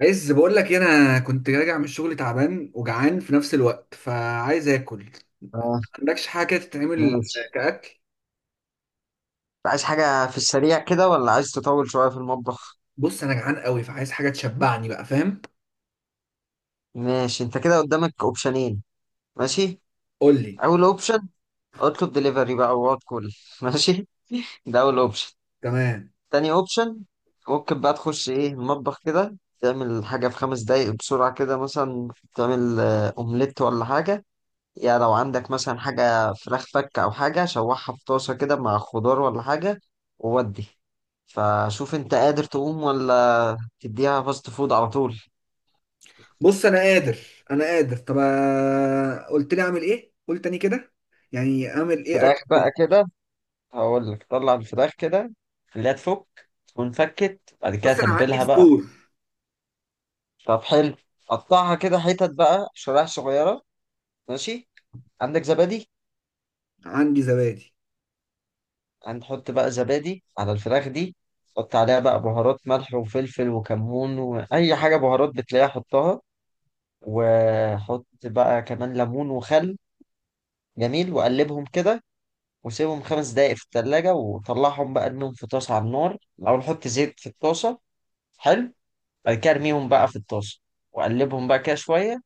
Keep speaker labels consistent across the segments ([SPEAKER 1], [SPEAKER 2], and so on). [SPEAKER 1] عايز بقول لك إيه، انا كنت راجع من الشغل تعبان وجعان في نفس الوقت فعايز اكل.
[SPEAKER 2] اه.
[SPEAKER 1] عندكش حاجه كده تتعمل
[SPEAKER 2] ماشي،
[SPEAKER 1] كاكل؟
[SPEAKER 2] عايز حاجة في السريع كده ولا عايز تطول شوية في المطبخ؟
[SPEAKER 1] بص انا جعان قوي فعايز حاجه تشبعني بقى، فاهم.
[SPEAKER 2] ماشي، انت كده قدامك اوبشنين. ماشي.
[SPEAKER 1] قول لي.
[SPEAKER 2] اول اوبشن: اطلب دليفري بقى وقعد كل ماشي، ده اول اوبشن.
[SPEAKER 1] تمام.
[SPEAKER 2] تاني اوبشن، ممكن بقى تخش ايه المطبخ كده تعمل حاجة في خمس دقايق بسرعة كده مثلا. تعمل اومليت ولا حاجة، يا لو عندك مثلا حاجة فراخ فك أو حاجة شوحها في طاسة كده مع خضار ولا حاجة وودي. فشوف انت قادر تقوم ولا تديها فاست فود على طول.
[SPEAKER 1] بص انا قادر، انا قادر. طب قلت لي اعمل ايه، قول تاني كده. يعني اعمل ايه،
[SPEAKER 2] فراخ
[SPEAKER 1] اكل
[SPEAKER 2] بقى
[SPEAKER 1] إيه؟
[SPEAKER 2] كده، هقول لك طلع الفراخ كده، خليها تفك تكون فكت، بعد كده
[SPEAKER 1] بص انا عندي
[SPEAKER 2] تبلها بقى.
[SPEAKER 1] فطور.
[SPEAKER 2] طب حلو، قطعها كده حتت بقى شرايح صغيرة. ماشي. عندك زبادي؟
[SPEAKER 1] عندي زبادي.
[SPEAKER 2] هنحط بقى زبادي على الفراخ دي، حط عليها بقى بهارات ملح وفلفل وكمون وأي حاجة بهارات بتلاقيها حطها. وحط بقى كمان ليمون وخل. جميل، وقلبهم كده وسيبهم خمس دقايق في التلاجة وطلعهم بقى ارميهم في طاسة على النار. الأول حط زيت في الطاسة. حلو. بعد كده ارميهم بقى في الطاسة وقلبهم بقى كده شوية.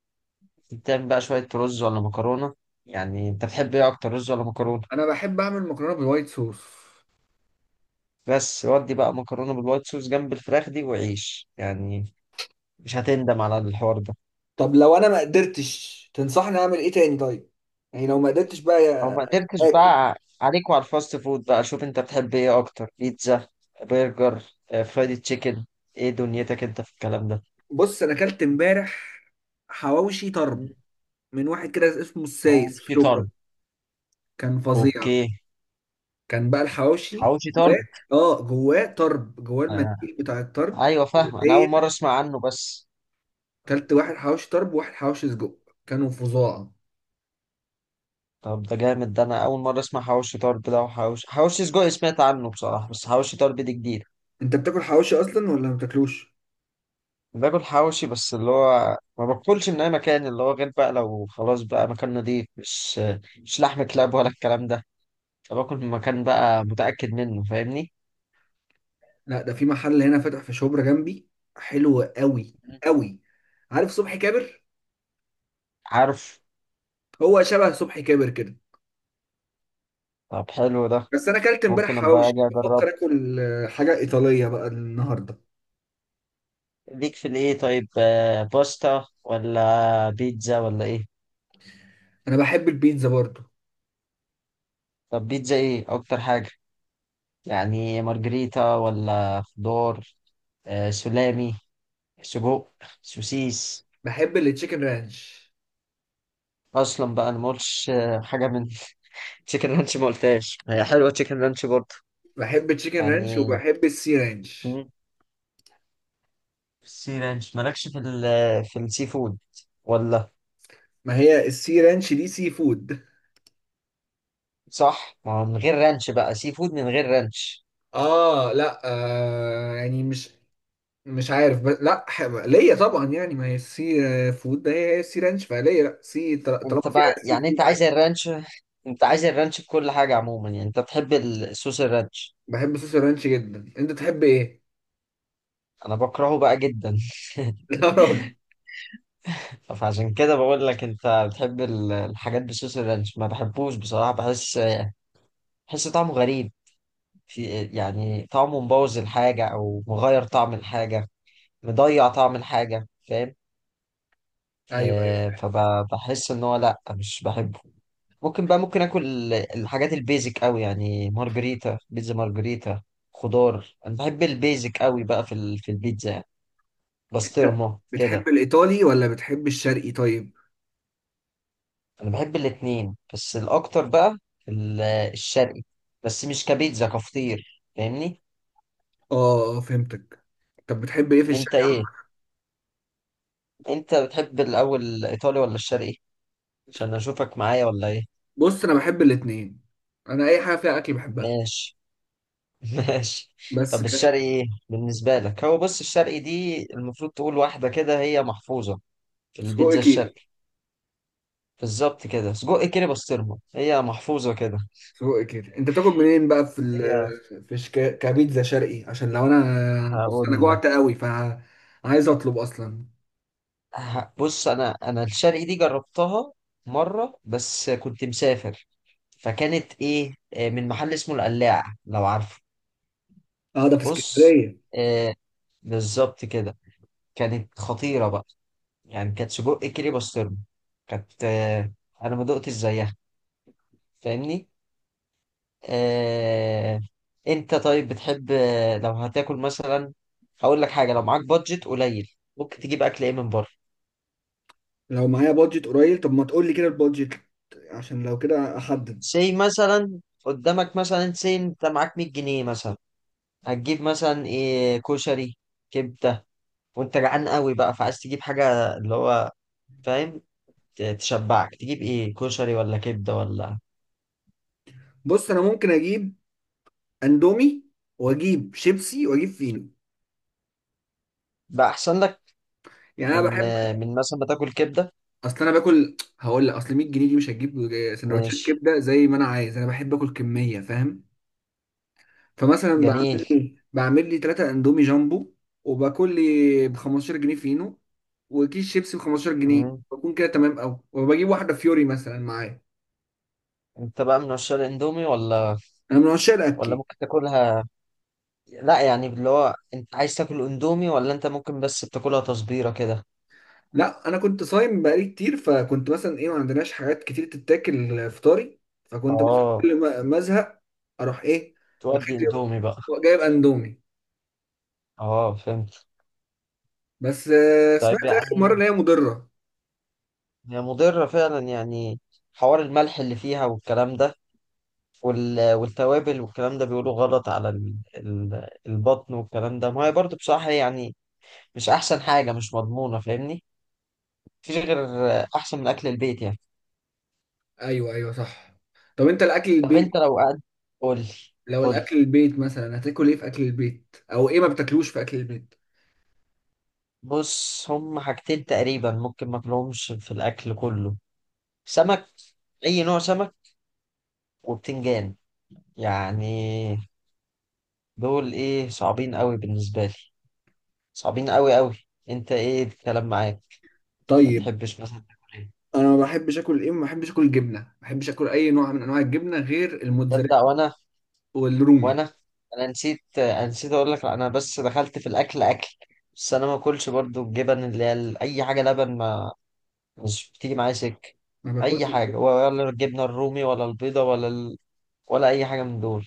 [SPEAKER 2] تعمل بقى شوية رز ولا مكرونة. يعني أنت بتحب إيه أكتر، رز ولا مكرونة؟
[SPEAKER 1] انا بحب اعمل مكرونه بالوايت صوص.
[SPEAKER 2] بس ودي بقى مكرونة بالوايت صوص جنب الفراخ دي وعيش يعني. مش هتندم على الحوار ده.
[SPEAKER 1] طب لو انا ما قدرتش، تنصحني اعمل ايه تاني طيب؟ يعني لو ما قدرتش بقى
[SPEAKER 2] لو ما قدرتش
[SPEAKER 1] اكل.
[SPEAKER 2] بقى عليك وعلى الفاست فود بقى. شوف أنت بتحب إيه أكتر، بيتزا، برجر، فرايدي تشيكن. إيه دنيتك أنت في الكلام ده؟
[SPEAKER 1] بص انا اكلت امبارح حواوشي طرب من واحد كده اسمه
[SPEAKER 2] أو
[SPEAKER 1] السايس في شبرا.
[SPEAKER 2] شيطان.
[SPEAKER 1] كان فظيع.
[SPEAKER 2] اوكي.
[SPEAKER 1] كان بقى الحواوشي
[SPEAKER 2] حواوشي
[SPEAKER 1] جواه.
[SPEAKER 2] طرب.
[SPEAKER 1] اه، جواه طرب، جواه
[SPEAKER 2] آه.
[SPEAKER 1] المنديل بتاع الطرب.
[SPEAKER 2] ايوه فاهم، انا اول
[SPEAKER 1] هي،
[SPEAKER 2] مره اسمع عنه بس.
[SPEAKER 1] اكلت واحد حواوشي طرب وواحد حواوشي سجق، كانوا فظاع.
[SPEAKER 2] طب ده جامد ده، انا اول مره اسمع حواوشي طرب ده، وحواوشي حواوشي سجق سمعت عنه بصراحه، بس حواوشي طرب دي جديد.
[SPEAKER 1] انت بتاكل حواوشي اصلا ولا ما بتاكلوش؟
[SPEAKER 2] باكل حواوشي، بس اللي هو ما باكلش من اي مكان، اللي هو غير بقى لو خلاص بقى مكان نضيف، مش مش لحم كلاب ولا الكلام ده. فباكل من مكان بقى متاكد منه فاهمني.
[SPEAKER 1] لا، ده في محل هنا فاتح في شبرا جنبي، حلو قوي قوي. عارف صبحي كابر؟
[SPEAKER 2] عارف.
[SPEAKER 1] هو شبه صبحي كابر كده.
[SPEAKER 2] طب حلو ده.
[SPEAKER 1] بس انا اكلت امبارح
[SPEAKER 2] ممكن ابقى
[SPEAKER 1] حواوشي،
[SPEAKER 2] اجي اجرب
[SPEAKER 1] بفكر اكل حاجه ايطاليه بقى النهارده.
[SPEAKER 2] ليك في الايه؟ طيب، باستا ولا بيتزا ولا ايه؟
[SPEAKER 1] انا بحب البيتزا برضو.
[SPEAKER 2] طب بيتزا ايه اكتر حاجة؟ يعني مارجريتا ولا خضار، آه سلامي، سجق، سوسيس.
[SPEAKER 1] بحب التشيكن رانش.
[SPEAKER 2] اصلا بقى انا ما قلتش حاجة من تشيكن رانش ما قلتهاش، هي حلوة تشيكن رانش برضه
[SPEAKER 1] بحب التشيكن رانش
[SPEAKER 2] يعني.
[SPEAKER 1] وبحب السي رانش.
[SPEAKER 2] مم. سي رانش مالكش في السي فود ولا؟
[SPEAKER 1] ما هي السي رانش دي سي فود.
[SPEAKER 2] صح، ما هو من غير رانش بقى سي فود من غير رانش.
[SPEAKER 1] اه لا يعني مش عارف، بس لا، ليا طبعا، يعني ما هي السي فود ده، هي السي رانش فليا، لا سي
[SPEAKER 2] انت
[SPEAKER 1] طالما فيها
[SPEAKER 2] بقى
[SPEAKER 1] السي
[SPEAKER 2] يعني انت
[SPEAKER 1] فود
[SPEAKER 2] عايز
[SPEAKER 1] عادي.
[SPEAKER 2] الرانش؟ انت عايز الرانش في كل حاجة عموما، يعني انت بتحب الصوص الرانش.
[SPEAKER 1] بحب صوص الرانش جدا، انت تحب ايه؟
[SPEAKER 2] انا بكرهه بقى جدا.
[SPEAKER 1] يا راجل.
[SPEAKER 2] فعشان كده بقول لك، انت بتحب الحاجات بصوص الرانش، ما بحبوش بصراحة. بحس طعمه غريب. في يعني طعمه مبوظ الحاجة او مغير طعم الحاجة، مضيع طعم الحاجة فاهم.
[SPEAKER 1] ايوه ايوه.
[SPEAKER 2] فبحس ان هو لا مش بحبه. ممكن بقى ممكن اكل الحاجات البيزك قوي، يعني مارجريتا، بيتزا مارجريتا، خضار. انا بحب البيزك قوي بقى في في البيتزا يعني،
[SPEAKER 1] أنت
[SPEAKER 2] بسطرمة
[SPEAKER 1] بتحب
[SPEAKER 2] كده.
[SPEAKER 1] الايطالي ولا بتحب الشرقي طيب؟
[SPEAKER 2] انا بحب الاتنين بس الاكتر بقى الشرقي، بس مش كبيتزا كفطير فاهمني.
[SPEAKER 1] اه، فهمتك. طب بتحب ايه في
[SPEAKER 2] انت
[SPEAKER 1] الشرقي؟
[SPEAKER 2] ايه، انت بتحب الاول الايطالي ولا الشرقي؟ عشان اشوفك معايا ولا ايه.
[SPEAKER 1] بص انا بحب الاتنين، انا اي حاجه فيها اكل بحبها.
[SPEAKER 2] ماشي. ماشي.
[SPEAKER 1] بس
[SPEAKER 2] طب الشرقي
[SPEAKER 1] كش.
[SPEAKER 2] ايه بالنسبه لك؟ هو بص، الشرقي دي المفروض تقول واحده كده هي محفوظه في
[SPEAKER 1] سجق
[SPEAKER 2] البيتزا
[SPEAKER 1] كيري.
[SPEAKER 2] الشرقي. بالظبط كده، سجق كده بسطرمه، هي محفوظه كده.
[SPEAKER 1] سجق كيري، انت بتاكل منين بقى في
[SPEAKER 2] هي
[SPEAKER 1] ال... في شك... كبيتزا شرقي؟ عشان لو انا، بص انا
[SPEAKER 2] هقول
[SPEAKER 1] جوعت قوي فعايز اطلب اصلا.
[SPEAKER 2] بص، انا الشرقي دي جربتها مره بس، كنت مسافر. فكانت ايه، من محل اسمه القلاع، لو عارفه.
[SPEAKER 1] اه ده في
[SPEAKER 2] بص.
[SPEAKER 1] اسكندريه.
[SPEAKER 2] آه، بالظبط كده. كانت خطيره بقى، يعني كانت سجق كيري بسطرمه. كانت آه، انا ما دقتش زيها فاهمني. آه، انت طيب بتحب، لو هتاكل مثلا، هقول لك حاجه. لو معاك بادجت قليل ممكن تجيب اكل ايه من بره؟
[SPEAKER 1] لو معايا بادجت قليل، طب ما تقول لي كده البادجت، عشان لو كده احدد.
[SPEAKER 2] سي مثلا قدامك مثلا، سي انت معاك 100 جنيه مثلا، هتجيب مثلا ايه؟ كشري، كبده، وانت جعان قوي بقى، فعايز تجيب حاجه اللي هو فاهم تشبعك. تجيب ايه، كشري ولا كبده ولا؟
[SPEAKER 1] بص انا ممكن اجيب اندومي واجيب شيبسي واجيب فينو.
[SPEAKER 2] بقى احسن لك،
[SPEAKER 1] يعني انا
[SPEAKER 2] من
[SPEAKER 1] بحب،
[SPEAKER 2] آه، من مثلا ما تاكل كبده.
[SPEAKER 1] اصل انا باكل، هقول لك اصل 100 جنيه دي مش هتجيب سندوتشات
[SPEAKER 2] ماشي.
[SPEAKER 1] كبده زي ما انا عايز، انا بحب اكل كميه فاهم. فمثلا
[SPEAKER 2] جميل.
[SPEAKER 1] بعمل لي 3 اندومي جامبو، وباكل لي ب 15 جنيه فينو، وكيس شيبسي ب 15 جنيه.
[SPEAKER 2] مم.
[SPEAKER 1] بكون كده تمام قوي، وبجيب واحدة فيوري مثلا معايا.
[SPEAKER 2] انت بقى من عشاق الاندومي ولا؟
[SPEAKER 1] انا من عشاق
[SPEAKER 2] ولا
[SPEAKER 1] الاكل.
[SPEAKER 2] ممكن تاكلها، لا يعني اللي هو انت عايز تاكل اندومي ولا انت ممكن بس بتاكلها تصبيره كده.
[SPEAKER 1] لا انا كنت صايم بقالي كتير، فكنت مثلا ايه، ما عندناش حاجات كتير تتاكل فطاري. فكنت مثلا
[SPEAKER 2] اه.
[SPEAKER 1] كل ما ازهق اروح ايه،
[SPEAKER 2] تودي اندومي بقى.
[SPEAKER 1] جايب اندومي.
[SPEAKER 2] اه فهمت.
[SPEAKER 1] بس
[SPEAKER 2] طيب
[SPEAKER 1] سمعت اخر مرة
[SPEAKER 2] يعني،
[SPEAKER 1] ان هي مضرة.
[SPEAKER 2] هي مضرة فعلا يعني؟ حوار الملح اللي فيها والكلام ده، والتوابل والكلام ده، بيقولوا غلط على البطن والكلام ده. ما هي برضه بصراحة يعني مش أحسن حاجة، مش مضمونة فاهمني. مفيش غير أحسن من أكل البيت يعني.
[SPEAKER 1] ايوه ايوه صح. طب انت الاكل
[SPEAKER 2] طب أنت
[SPEAKER 1] البيت،
[SPEAKER 2] لو قعدت. قولي.
[SPEAKER 1] لو
[SPEAKER 2] قولي.
[SPEAKER 1] الاكل البيت مثلا هتاكل ايه في اكل البيت، او ايه ما بتاكلوش في اكل البيت؟
[SPEAKER 2] بص، هم حاجتين تقريبا ممكن ماكلهمش في الأكل كله: سمك، أي نوع سمك، وبتنجان. يعني دول إيه، صعبين قوي بالنسبة لي، صعبين قوي قوي. انت ايه الكلام معاك، ما
[SPEAKER 1] طيب
[SPEAKER 2] تحبش مثلا تاكل ايه؟
[SPEAKER 1] انا ما بحبش اكل ايه، ما بحبش اكل جبنه، ما بحبش اكل اي نوع من انواع الجبنه غير
[SPEAKER 2] تصدق،
[SPEAKER 1] الموتزاريلا
[SPEAKER 2] وانا،
[SPEAKER 1] والرومي.
[SPEAKER 2] وانا انا نسيت انا نسيت اقول لك، انا بس دخلت في الاكل اكل. بس انا ما اكلش برضو الجبن، اللي هي اي حاجه لبن ما مش بتيجي معايا سكه،
[SPEAKER 1] ما
[SPEAKER 2] اي
[SPEAKER 1] باكلش
[SPEAKER 2] حاجه
[SPEAKER 1] الجبنة.
[SPEAKER 2] ولا الجبنه الرومي ولا البيضه ولا ال... ولا اي حاجه من دول.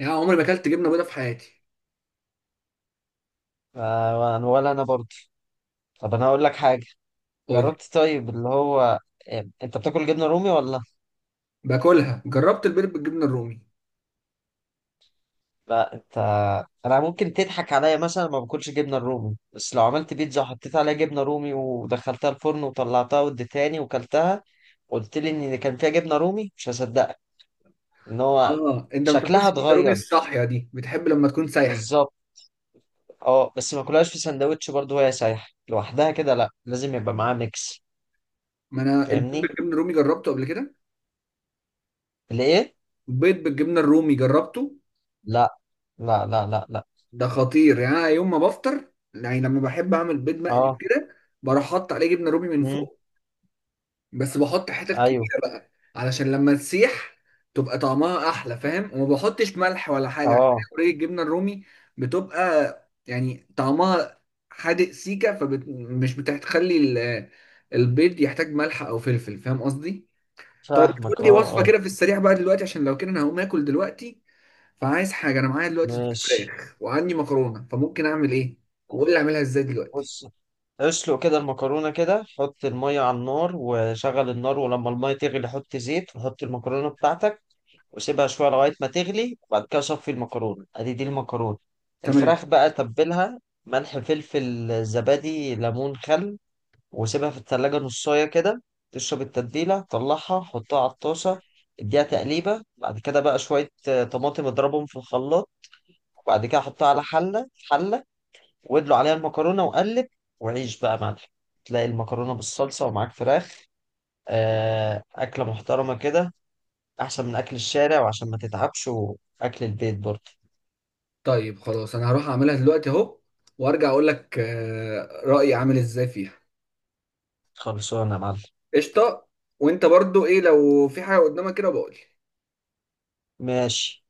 [SPEAKER 1] يعني عمري ما اكلت جبنه بيضاء في حياتي.
[SPEAKER 2] ف- ولا انا برضو. طب انا هقول لك حاجه،
[SPEAKER 1] قول.
[SPEAKER 2] جربت طيب اللي هو، انت بتاكل جبنه رومي ولا؟
[SPEAKER 1] باكلها، جربت البيض بالجبنه الرومي.
[SPEAKER 2] لا انت، انا ممكن تضحك عليا مثلا، ما باكلش جبنه الرومي، بس لو عملت بيتزا وحطيت عليها جبنه رومي ودخلتها الفرن وطلعتها واديتهاني وكلتها، قلت لي ان كان فيها جبنه رومي مش هصدقك، ان هو
[SPEAKER 1] اه انت ما
[SPEAKER 2] شكلها
[SPEAKER 1] بتاكلش الجبنه الرومي
[SPEAKER 2] اتغير.
[SPEAKER 1] الصاحيه دي، بتحب لما تكون سايحه.
[SPEAKER 2] بالظبط. اه، بس ما كلهاش في سندوتش برضه وهي سايحه لوحدها كده. لا لازم يبقى معاها ميكس
[SPEAKER 1] ما انا البيض
[SPEAKER 2] فاهمني.
[SPEAKER 1] بالجبنه الرومي جربته قبل كده.
[SPEAKER 2] ليه.
[SPEAKER 1] البيض بالجبنه الرومي جربته،
[SPEAKER 2] لا، لا، لا، لا، لا.
[SPEAKER 1] ده خطير. يعني انا يوم ما بفطر، يعني لما بحب اعمل بيض مقلي
[SPEAKER 2] اه.
[SPEAKER 1] وكده، بروح احط عليه جبنه رومي من
[SPEAKER 2] امم.
[SPEAKER 1] فوق. بس بحط حتت
[SPEAKER 2] ايوه.
[SPEAKER 1] كبيره بقى، علشان لما تسيح تبقى طعمها احلى فاهم. وما بحطش ملح ولا حاجه، عشان
[SPEAKER 2] اه.
[SPEAKER 1] هي already الجبنه الرومي بتبقى يعني طعمها حادق سيكه، فمش بتخلي البيض يحتاج ملح او فلفل، فاهم قصدي؟ طيب تقول
[SPEAKER 2] فاهمك، اه
[SPEAKER 1] لي وصفه
[SPEAKER 2] اه.
[SPEAKER 1] كده في السريع بقى دلوقتي، عشان لو كده انا هقوم اكل دلوقتي. فعايز حاجه، انا معايا دلوقتي صدور
[SPEAKER 2] ماشي.
[SPEAKER 1] فراخ وعندي مكرونه، فممكن اعمل ايه؟ وقول لي اعملها ازاي دلوقتي.
[SPEAKER 2] بص، اسلق كده المكرونة كده، حط المية على النار وشغل النار، ولما المية تغلي حط زيت وحط المكرونة بتاعتك وسيبها شوية لغاية ما تغلي. وبعد كده صفي المكرونة، ادي دي المكرونة.
[SPEAKER 1] تمام.
[SPEAKER 2] الفراخ بقى تبلها ملح فلفل زبادي ليمون خل، وسيبها في التلاجة نصاية كده. تشرب التتبيلة طلعها، حطها على الطاسة، اديها تقليبة. بعد كده بقى شوية طماطم اضربهم في الخلاط. وبعد كده حطها على حلة حلة وادلو عليها المكرونه وقلب. وعيش بقى يا معلم. تلاقي المكرونه بالصلصه ومعاك فراخ، اكله محترمه كده، احسن من اكل الشارع وعشان ما تتعبش واكل البيت برضه.
[SPEAKER 1] طيب خلاص انا هروح اعملها دلوقتي اهو، وارجع اقول لك رايي عامل ازاي فيها.
[SPEAKER 2] خلصانه يا معلم.
[SPEAKER 1] قشطه. وانت برضو ايه، لو في حاجه قدامك كده بقول لي.
[SPEAKER 2] ماشي.